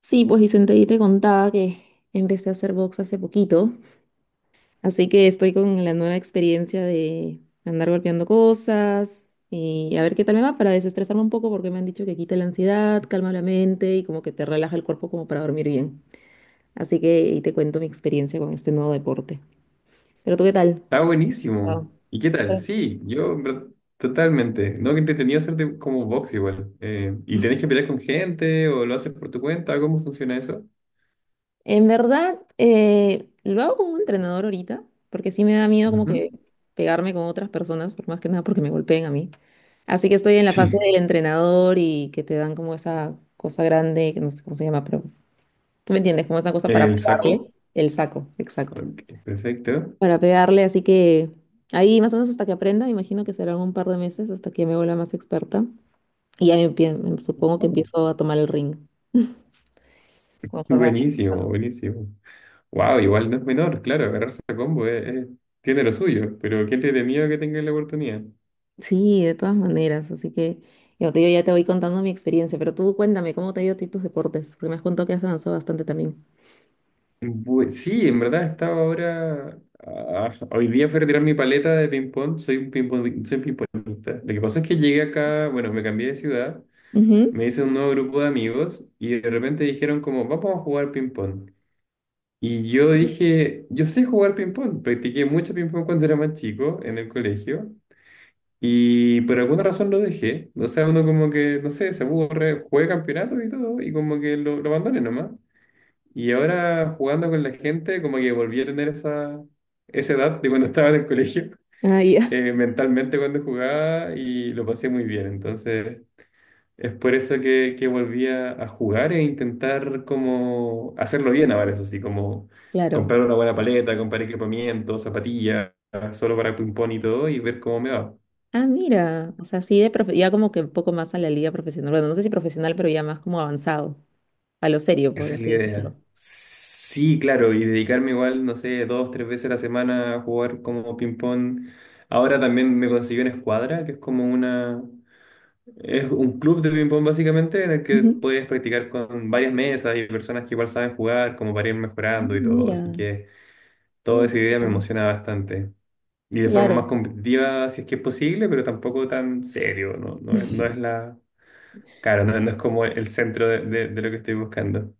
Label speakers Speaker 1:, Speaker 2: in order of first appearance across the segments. Speaker 1: Sí, pues Vicente, y te contaba que empecé a hacer box hace poquito, así que estoy con la nueva experiencia de andar golpeando cosas y a ver qué tal me va para desestresarme un poco porque me han dicho que quita la ansiedad, calma la mente y como que te relaja el cuerpo como para dormir bien. Así que ahí te cuento mi experiencia con este nuevo deporte. Pero tú, ¿qué tal?
Speaker 2: Está
Speaker 1: Ah.
Speaker 2: buenísimo. ¿Y qué tal? Sí, yo en verdad, totalmente. No, que entretenido hacerte como box igual. ¿Y tenés que pelear con gente o lo haces por tu cuenta? ¿Cómo funciona eso?
Speaker 1: En verdad, lo hago como un entrenador ahorita, porque sí me da miedo como que
Speaker 2: Ujú.
Speaker 1: pegarme con otras personas, por más que nada porque me golpeen a mí. Así que estoy en la fase
Speaker 2: Sí.
Speaker 1: del entrenador y que te dan como esa cosa grande, que no sé cómo se llama, pero tú me entiendes, como esa cosa para
Speaker 2: ¿El saco?
Speaker 1: pegarle el saco, exacto.
Speaker 2: Ok, perfecto.
Speaker 1: Para pegarle, así que ahí más o menos hasta que aprenda, imagino que serán un par de meses hasta que me vuelva más experta. Y ya supongo que
Speaker 2: Oh,
Speaker 1: empiezo a tomar el ring conforme vaya
Speaker 2: buenísimo,
Speaker 1: avanzando.
Speaker 2: buenísimo. Wow, igual no es menor, claro, agarrarse a combo, tiene lo suyo, pero qué entretenido que tengas la oportunidad.
Speaker 1: Sí, de todas maneras, así que yo ya te voy contando mi experiencia, pero tú cuéntame cómo te ha ido a ti tus deportes, porque me has contado que has avanzado bastante también.
Speaker 2: Sí, en verdad estaba ahora. Hoy día fui a retirar mi paleta de ping-pong. Soy ping pongista. Lo que pasó es que llegué acá, bueno, me cambié de ciudad,
Speaker 1: Ujú.
Speaker 2: me hice un nuevo grupo de amigos y de repente dijeron como, vamos a jugar ping-pong. Y yo dije, yo sé jugar ping-pong. Practiqué mucho ping-pong cuando era más chico en el colegio y por alguna razón lo dejé. O sea, uno como que, no sé, se aburre, juega campeonatos y todo y como que lo abandoné nomás. Y ahora jugando con la gente, como que volví a tener esa edad de cuando estaba en el colegio,
Speaker 1: Ah, ya.
Speaker 2: mentalmente cuando jugaba y lo pasé muy bien. Entonces es por eso que volví a jugar e intentar como hacerlo bien ahora, eso sí, como
Speaker 1: Claro.
Speaker 2: comprar una buena paleta, comprar equipamiento, zapatillas, solo para ping-pong y todo y ver cómo me va.
Speaker 1: Ah, mira, o sea, sí, ya como que un poco más a la liga profesional, bueno, no sé si profesional, pero ya más como avanzado, a lo serio, por
Speaker 2: Esa es la
Speaker 1: así
Speaker 2: idea.
Speaker 1: decirlo.
Speaker 2: Sí, claro, y dedicarme igual, no sé, dos, tres veces a la semana a jugar como ping-pong. Ahora también me conseguí una escuadra, que es como una... Es un club de ping-pong básicamente, en el que
Speaker 1: Ujú.
Speaker 2: puedes practicar con varias mesas y personas que igual saben jugar, como para ir
Speaker 1: Ah,
Speaker 2: mejorando y todo. Así
Speaker 1: mira,
Speaker 2: que
Speaker 1: qué
Speaker 2: toda esa idea me
Speaker 1: divertido.
Speaker 2: emociona bastante. Y de forma más
Speaker 1: Claro.
Speaker 2: competitiva, si es que es posible, pero tampoco tan serio, ¿no? No, es no es la... Claro, no, no es como el centro de lo que estoy buscando.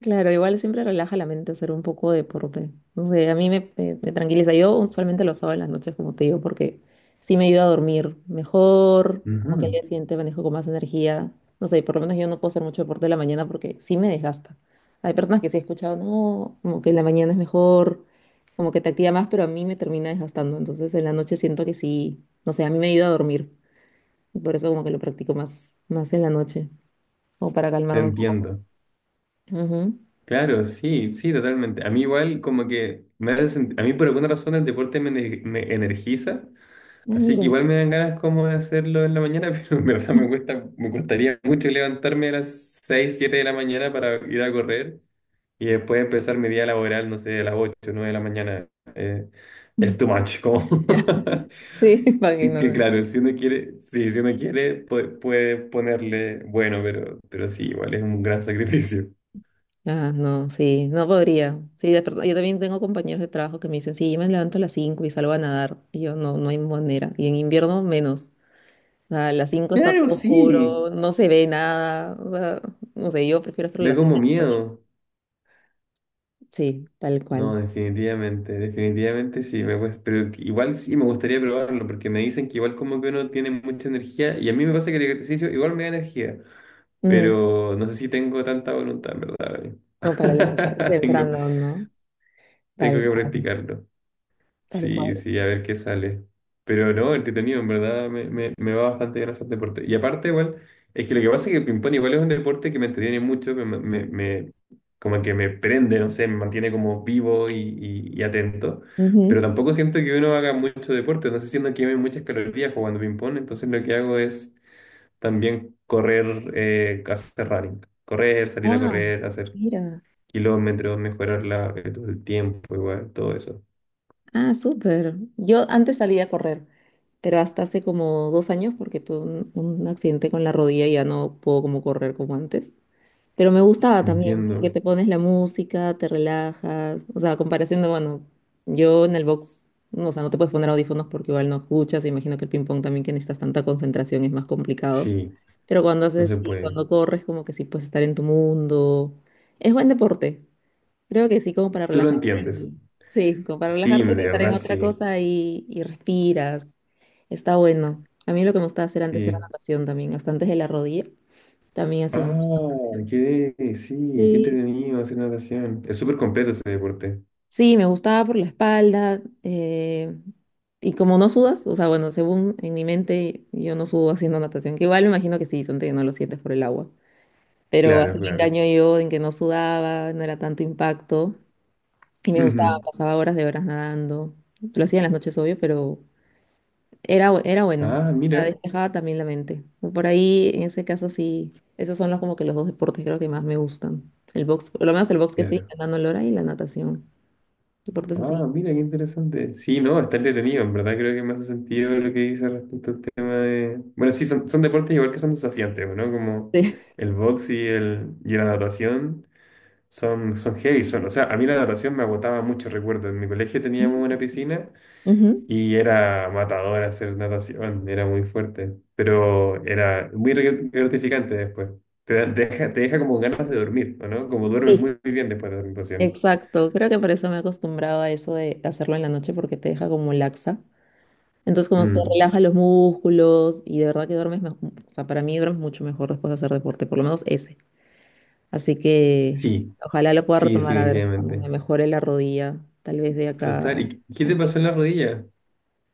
Speaker 1: Claro, igual siempre relaja la mente hacer un poco de deporte. No sé, a mí me tranquiliza. Yo usualmente lo hago en las noches, como te digo, porque sí me ayuda a dormir mejor, como que al
Speaker 2: Ujú,
Speaker 1: día siguiente manejo con más energía. No sé, por lo menos yo no puedo hacer mucho deporte en la mañana porque sí me desgasta. Hay personas que sí he escuchado, no, como que en la mañana es mejor, como que te activa más, pero a mí me termina desgastando. Entonces en la noche siento que sí, no sé, a mí me ayuda a dormir. Y por eso como que lo practico más en la noche, como para
Speaker 2: te
Speaker 1: calmarme un poco.
Speaker 2: entiendo.
Speaker 1: Ujú.
Speaker 2: Claro, sí, sí, totalmente. A mí igual como que a mí por alguna razón el deporte me energiza,
Speaker 1: Ah,
Speaker 2: así que
Speaker 1: mira.
Speaker 2: igual me dan ganas como de hacerlo en la mañana, pero en verdad me cuesta, me costaría mucho levantarme a las 6, 7 de la mañana para ir a correr y después empezar mi día laboral, no sé, a las 8, 9 de la mañana. Eh, es too much, como
Speaker 1: Sí,
Speaker 2: que
Speaker 1: imagino.
Speaker 2: claro, si uno quiere, sí, si uno quiere puede, ponerle bueno, pero sí, igual es un gran sacrificio.
Speaker 1: Ah, no, sí, no podría. Sí, yo también tengo compañeros de trabajo que me dicen, sí, yo me levanto a las 5 y salgo a nadar. Y yo, no, no hay manera. Y en invierno, menos. A las 5 está
Speaker 2: Claro,
Speaker 1: todo
Speaker 2: sí.
Speaker 1: oscuro, no se ve nada. O sea, no sé, yo prefiero hacerlo a
Speaker 2: Da
Speaker 1: las
Speaker 2: como
Speaker 1: 5.
Speaker 2: miedo.
Speaker 1: Sí, tal
Speaker 2: No,
Speaker 1: cual.
Speaker 2: definitivamente, definitivamente sí, me cuesta, pero igual sí me gustaría probarlo, porque me dicen que igual como que uno tiene mucha energía, y a mí me pasa que el ejercicio igual me da energía,
Speaker 1: Mm,
Speaker 2: pero no sé si tengo tanta voluntad, en verdad. Ahora mismo.
Speaker 1: como para levantarse
Speaker 2: Tengo,
Speaker 1: temprano, ¿no?
Speaker 2: Tengo
Speaker 1: Tal
Speaker 2: que
Speaker 1: cual,
Speaker 2: practicarlo.
Speaker 1: tal
Speaker 2: Sí,
Speaker 1: cual.
Speaker 2: sí, a ver qué sale. Pero no, entretenido, en verdad me va bastante bien hacer deporte. Y aparte, igual, es que lo que pasa es que el ping-pong igual es un deporte que me entretiene mucho, como que me prende, no sé, me mantiene como vivo y atento. Pero
Speaker 1: Ujú.
Speaker 2: tampoco siento que uno haga mucho deporte, no sé, siento que queme muchas calorías jugando ping-pong, entonces lo que hago es también correr, hacer running, correr, salir a
Speaker 1: Ah,
Speaker 2: correr, hacer
Speaker 1: mira.
Speaker 2: kilómetros, mejorar el tiempo, igual, todo eso.
Speaker 1: Ah, súper. Yo antes salía a correr, pero hasta hace como 2 años porque tuve un accidente con la rodilla y ya no puedo como correr como antes. Pero me gustaba también porque
Speaker 2: Entiendo.
Speaker 1: te pones la música, te relajas. O sea, a comparación de, bueno, yo en el box, no, o sea, no te puedes poner audífonos porque igual no escuchas. Imagino que el ping-pong también que necesitas tanta concentración es más complicado.
Speaker 2: Sí.
Speaker 1: Pero
Speaker 2: No se puede.
Speaker 1: cuando corres, como que sí puedes estar en tu mundo. Es buen deporte. Creo que sí, como para
Speaker 2: Tú lo
Speaker 1: relajarte.
Speaker 2: entiendes.
Speaker 1: Sí, como para
Speaker 2: Sí, de
Speaker 1: relajarte, estar en
Speaker 2: verdad,
Speaker 1: otra
Speaker 2: sí.
Speaker 1: cosa y respiras. Está bueno. A mí lo que me gustaba hacer antes era
Speaker 2: Sí.
Speaker 1: natación también, hasta antes de la rodilla. También hacía mucha
Speaker 2: Ah,
Speaker 1: natación.
Speaker 2: qué, sí, qué
Speaker 1: Sí,
Speaker 2: entretenido hacer natación. Es súper completo ese deporte.
Speaker 1: sí, me gustaba por la espalda. Y como no sudas, o sea, bueno, según en mi mente, yo no sudo haciendo natación, que igual me imagino que sí, son que no lo sientes por el agua. Pero
Speaker 2: Claro,
Speaker 1: así me
Speaker 2: claro.
Speaker 1: engaño yo en que no sudaba, no era tanto impacto. Y me gustaba,
Speaker 2: Ujú.
Speaker 1: pasaba horas de horas nadando. Lo hacía en las noches, obvio, pero era bueno.
Speaker 2: Ah,
Speaker 1: La
Speaker 2: mira,
Speaker 1: despejaba también la mente. Por ahí, en ese caso, sí. Esos son los, como que los dos deportes creo que más me gustan. El box, por lo menos el box que estoy
Speaker 2: claro.
Speaker 1: intentando ahora y la natación. Deportes así.
Speaker 2: Ah, mira, qué interesante. Sí, no, está entretenido. En verdad creo que me hace sentido lo que dice respecto al tema de... Bueno, sí, son deportes igual que son desafiantes, ¿no? Como
Speaker 1: Sí.
Speaker 2: el box y la natación son heavy. Son, o sea, a mí la natación me agotaba mucho, recuerdo. En mi colegio teníamos una piscina.
Speaker 1: Ujú.
Speaker 2: Y era matador hacer natación, era muy fuerte, pero era muy gratificante después. Te deja, como ganas de dormir, ¿o no? Como duermes
Speaker 1: Sí,
Speaker 2: muy, muy bien después de la natación.
Speaker 1: exacto. Creo que por eso me he acostumbrado a eso de hacerlo en la noche porque te deja como laxa. Entonces como te
Speaker 2: Mm,
Speaker 1: relaja los músculos y de verdad que duermes mejor. O sea, para mí duermes mucho mejor después de hacer deporte, por lo menos ese. Así que
Speaker 2: sí,
Speaker 1: ojalá lo pueda
Speaker 2: sí,
Speaker 1: retomar a ver cuando
Speaker 2: definitivamente.
Speaker 1: me mejore la rodilla, tal vez de acá.
Speaker 2: Total, ¿y qué te
Speaker 1: aunque-
Speaker 2: pasó en la rodilla?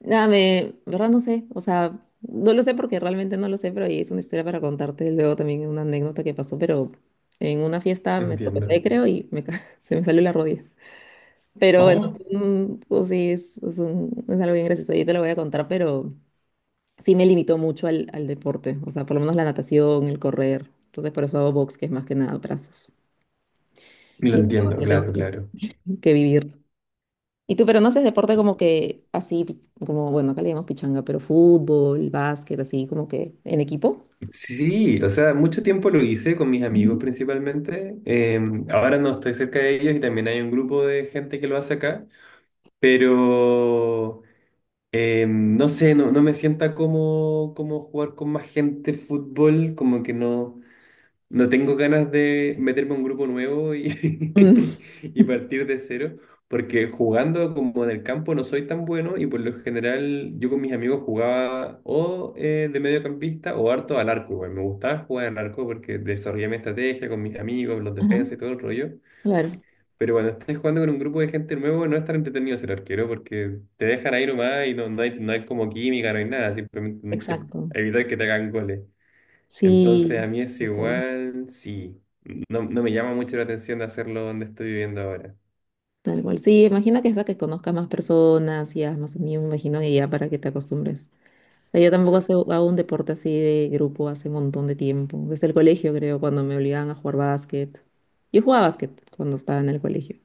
Speaker 1: Nada, verdad no sé, o sea, no lo sé porque realmente no lo sé, pero ahí es una historia para contarte luego también una anécdota que pasó, pero en una fiesta me tropecé,
Speaker 2: Entiendo.
Speaker 1: creo, y se me salió la rodilla. Pero bueno,
Speaker 2: Oh,
Speaker 1: pues sí, es algo bien gracioso, yo te lo voy a contar, pero sí me limitó mucho al deporte, o sea, por lo menos la natación, el correr, entonces por eso hago box, que es más que nada brazos.
Speaker 2: lo
Speaker 1: Y es algo
Speaker 2: entiendo,
Speaker 1: que tengo
Speaker 2: claro,
Speaker 1: que
Speaker 2: claro.
Speaker 1: que vivir. Y tú, pero no haces deporte como que así, como, bueno, acá le llamamos pichanga, pero fútbol, básquet, así como que en equipo.
Speaker 2: Sí, o sea, mucho tiempo lo hice con mis amigos
Speaker 1: Ujú.
Speaker 2: principalmente. Ahora no estoy cerca de ellos y también hay un grupo de gente que lo hace acá, pero... No sé, no, no me sienta como jugar con más gente fútbol, como que no, no tengo ganas de meterme a un grupo nuevo y,
Speaker 1: Mm.
Speaker 2: y partir de cero, porque jugando como en el campo no soy tan bueno y por lo general yo con mis amigos jugaba o de mediocampista o harto al arco, güey. Me gustaba jugar al arco porque desarrollé mi estrategia con mis amigos, los
Speaker 1: Ajá,
Speaker 2: defensas y todo el rollo.
Speaker 1: claro,
Speaker 2: Pero cuando estés jugando con un grupo de gente nuevo, no es tan entretenido ser arquero porque te dejan ahí nomás y no, no hay, no hay como química, no hay nada, simplemente tenés que
Speaker 1: exacto.
Speaker 2: evitar que te hagan goles. Entonces a
Speaker 1: Sí,
Speaker 2: mí es
Speaker 1: tal cual,
Speaker 2: igual, sí, no, no me llama mucho la atención de hacerlo donde estoy viviendo ahora.
Speaker 1: tal cual. Sí, imagina que es para que conozcas más personas y haz más amigos, me imagino que ya para que te acostumbres. O sea, yo tampoco hago un deporte así de grupo hace un montón de tiempo. Desde el colegio, creo, cuando me obligaban a jugar básquet. Yo jugaba básquet cuando estaba en el colegio.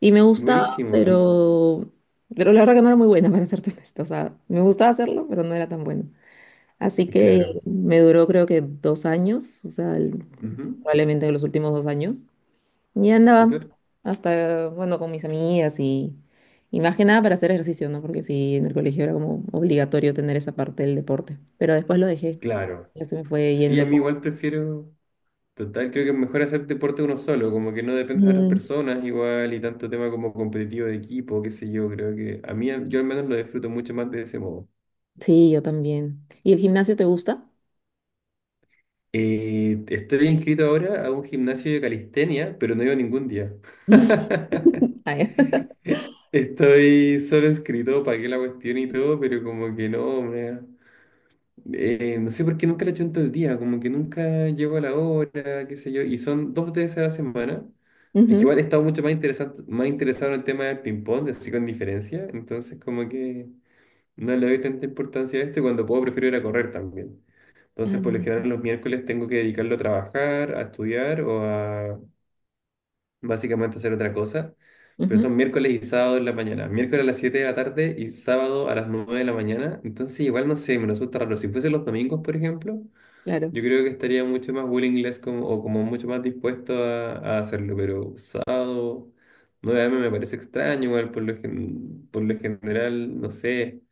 Speaker 1: Y me gustaba,
Speaker 2: Buenísimo, a
Speaker 1: pero, pero la verdad que no era muy buena, para serte honesta. O sea, me gustaba hacerlo, pero no era tan buena. Así que
Speaker 2: claro,
Speaker 1: me duró creo que 2 años, o sea,
Speaker 2: ujú,
Speaker 1: probablemente los últimos 2 años. Y andaba
Speaker 2: súper,
Speaker 1: hasta, bueno, con mis amigas y más que nada para hacer ejercicio, ¿no? Porque sí, en el colegio era como obligatorio tener esa parte del deporte. Pero después lo dejé.
Speaker 2: claro.
Speaker 1: Ya se me fue
Speaker 2: Sí,
Speaker 1: yendo
Speaker 2: a mí
Speaker 1: poco.
Speaker 2: igual prefiero. Total, creo que es mejor hacer deporte uno solo, como que no depende de otras
Speaker 1: Mm,
Speaker 2: personas igual y tanto tema como competitivo de equipo, qué sé yo, creo que a mí yo al menos lo disfruto mucho más de ese modo.
Speaker 1: sí, yo también. ¿Y el gimnasio te gusta?
Speaker 2: Estoy inscrito ahora a un gimnasio de calistenia, pero no iba ningún día.
Speaker 1: Ah, ya.
Speaker 2: Estoy solo inscrito, pagué la cuestión y todo, pero como que no, me, No sé por qué nunca le echo en todo el día, como que nunca llego a la hora, qué sé yo, y son dos veces a la semana. Es que
Speaker 1: Ujú.
Speaker 2: igual he estado mucho más interesante, más interesado en el tema del ping-pong, así con diferencia, entonces como que no le doy tanta importancia a esto y cuando puedo prefiero ir a correr también. Entonces por lo
Speaker 1: Ah,
Speaker 2: general los miércoles tengo que dedicarlo a trabajar, a estudiar o a básicamente hacer otra cosa, pero son
Speaker 1: Ujú,
Speaker 2: miércoles y sábado en la mañana, miércoles a las 7 de la tarde y sábado a las 9 de la mañana, entonces igual no sé, me resulta raro. Si fuese los domingos, por ejemplo.
Speaker 1: claro,
Speaker 2: Yo creo que estaría mucho más willingless como, o como mucho más dispuesto a hacerlo, pero sábado 9 me parece extraño, igual por lo general, no sé,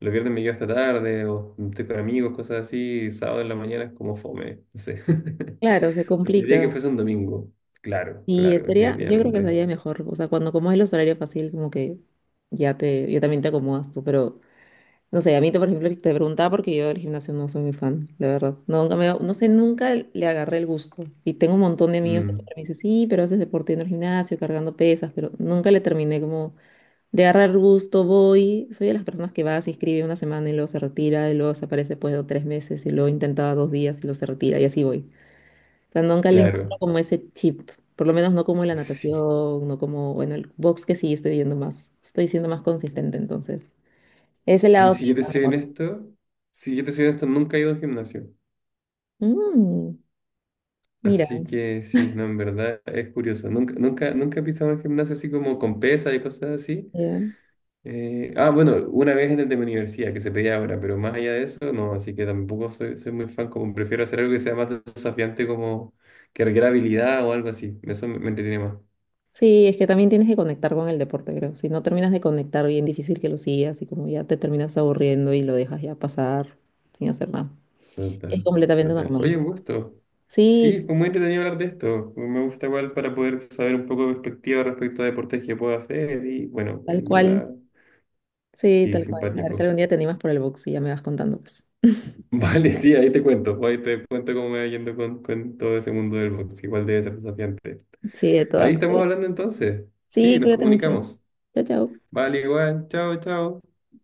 Speaker 2: los viernes me quedo hasta tarde o estoy con amigos, cosas así, y sábado en la mañana es como fome, no sé.
Speaker 1: claro, se
Speaker 2: Preferiría que
Speaker 1: complica.
Speaker 2: fuese un domingo, claro,
Speaker 1: Y
Speaker 2: claro,
Speaker 1: estaría, yo creo que
Speaker 2: definitivamente.
Speaker 1: estaría mejor. O sea, cuando como es los horarios fácil, como que yo también te acomodas tú. Pero, no sé, a mí, por ejemplo, te preguntaba porque yo del gimnasio no soy muy fan, de verdad. No, Nunca me, no sé, nunca le agarré el gusto. Y tengo un montón de amigos que
Speaker 2: Mm,
Speaker 1: siempre me dicen, sí, pero haces deporte en el gimnasio, cargando pesas, pero nunca le terminé como de agarrar el gusto, voy. Soy de las personas que va, se inscribe una semana y luego se retira, y luego se aparece después de 3 meses, y luego intenta 2 días y luego se retira, y así voy. Sea, nunca le encuentro
Speaker 2: claro,
Speaker 1: como ese chip, por lo menos no como en la
Speaker 2: sí.
Speaker 1: natación, no como, bueno, el box que sí estoy yendo más, estoy siendo más consistente, entonces. Ese lado sí.
Speaker 2: Si yo te
Speaker 1: Está
Speaker 2: soy
Speaker 1: mejor.
Speaker 2: honesto, si yo te soy honesto, nunca he ido a un gimnasio.
Speaker 1: Mm, mira,
Speaker 2: Así que sí, no, en verdad es curioso. Nunca, nunca, nunca he pisado un gimnasio así como con pesas y cosas así.
Speaker 1: ya.
Speaker 2: Bueno, una vez en el de mi universidad, que se pedía ahora, pero más allá de eso, no, así que tampoco soy muy fan, como prefiero hacer algo que sea más desafiante, como que requiera habilidad o algo así. Eso me entretiene más.
Speaker 1: Sí, es que también tienes que conectar con el deporte, creo. Si no terminas de conectar, bien difícil que lo sigas y como ya te terminas aburriendo y lo dejas ya pasar sin hacer nada. Es
Speaker 2: Total,
Speaker 1: completamente
Speaker 2: total. Oye,
Speaker 1: normal.
Speaker 2: un gusto. Sí,
Speaker 1: Sí,
Speaker 2: fue muy entretenido hablar de esto. Me gusta igual para poder saber un poco de perspectiva respecto a deportes que puedo hacer y bueno,
Speaker 1: tal
Speaker 2: en verdad,
Speaker 1: cual. Sí,
Speaker 2: sí,
Speaker 1: tal cual. A ver si
Speaker 2: simpático.
Speaker 1: algún día te animas por el box y ya me vas contando, pues.
Speaker 2: Vale, sí, ahí te cuento cómo me va yendo con, todo ese mundo del box, igual debe ser desafiante.
Speaker 1: Sí, de
Speaker 2: Ahí
Speaker 1: todas.
Speaker 2: estamos hablando entonces. Sí,
Speaker 1: Sí,
Speaker 2: nos
Speaker 1: cuídate mucho.
Speaker 2: comunicamos.
Speaker 1: Chao, chao.
Speaker 2: Vale, igual, chao, chao.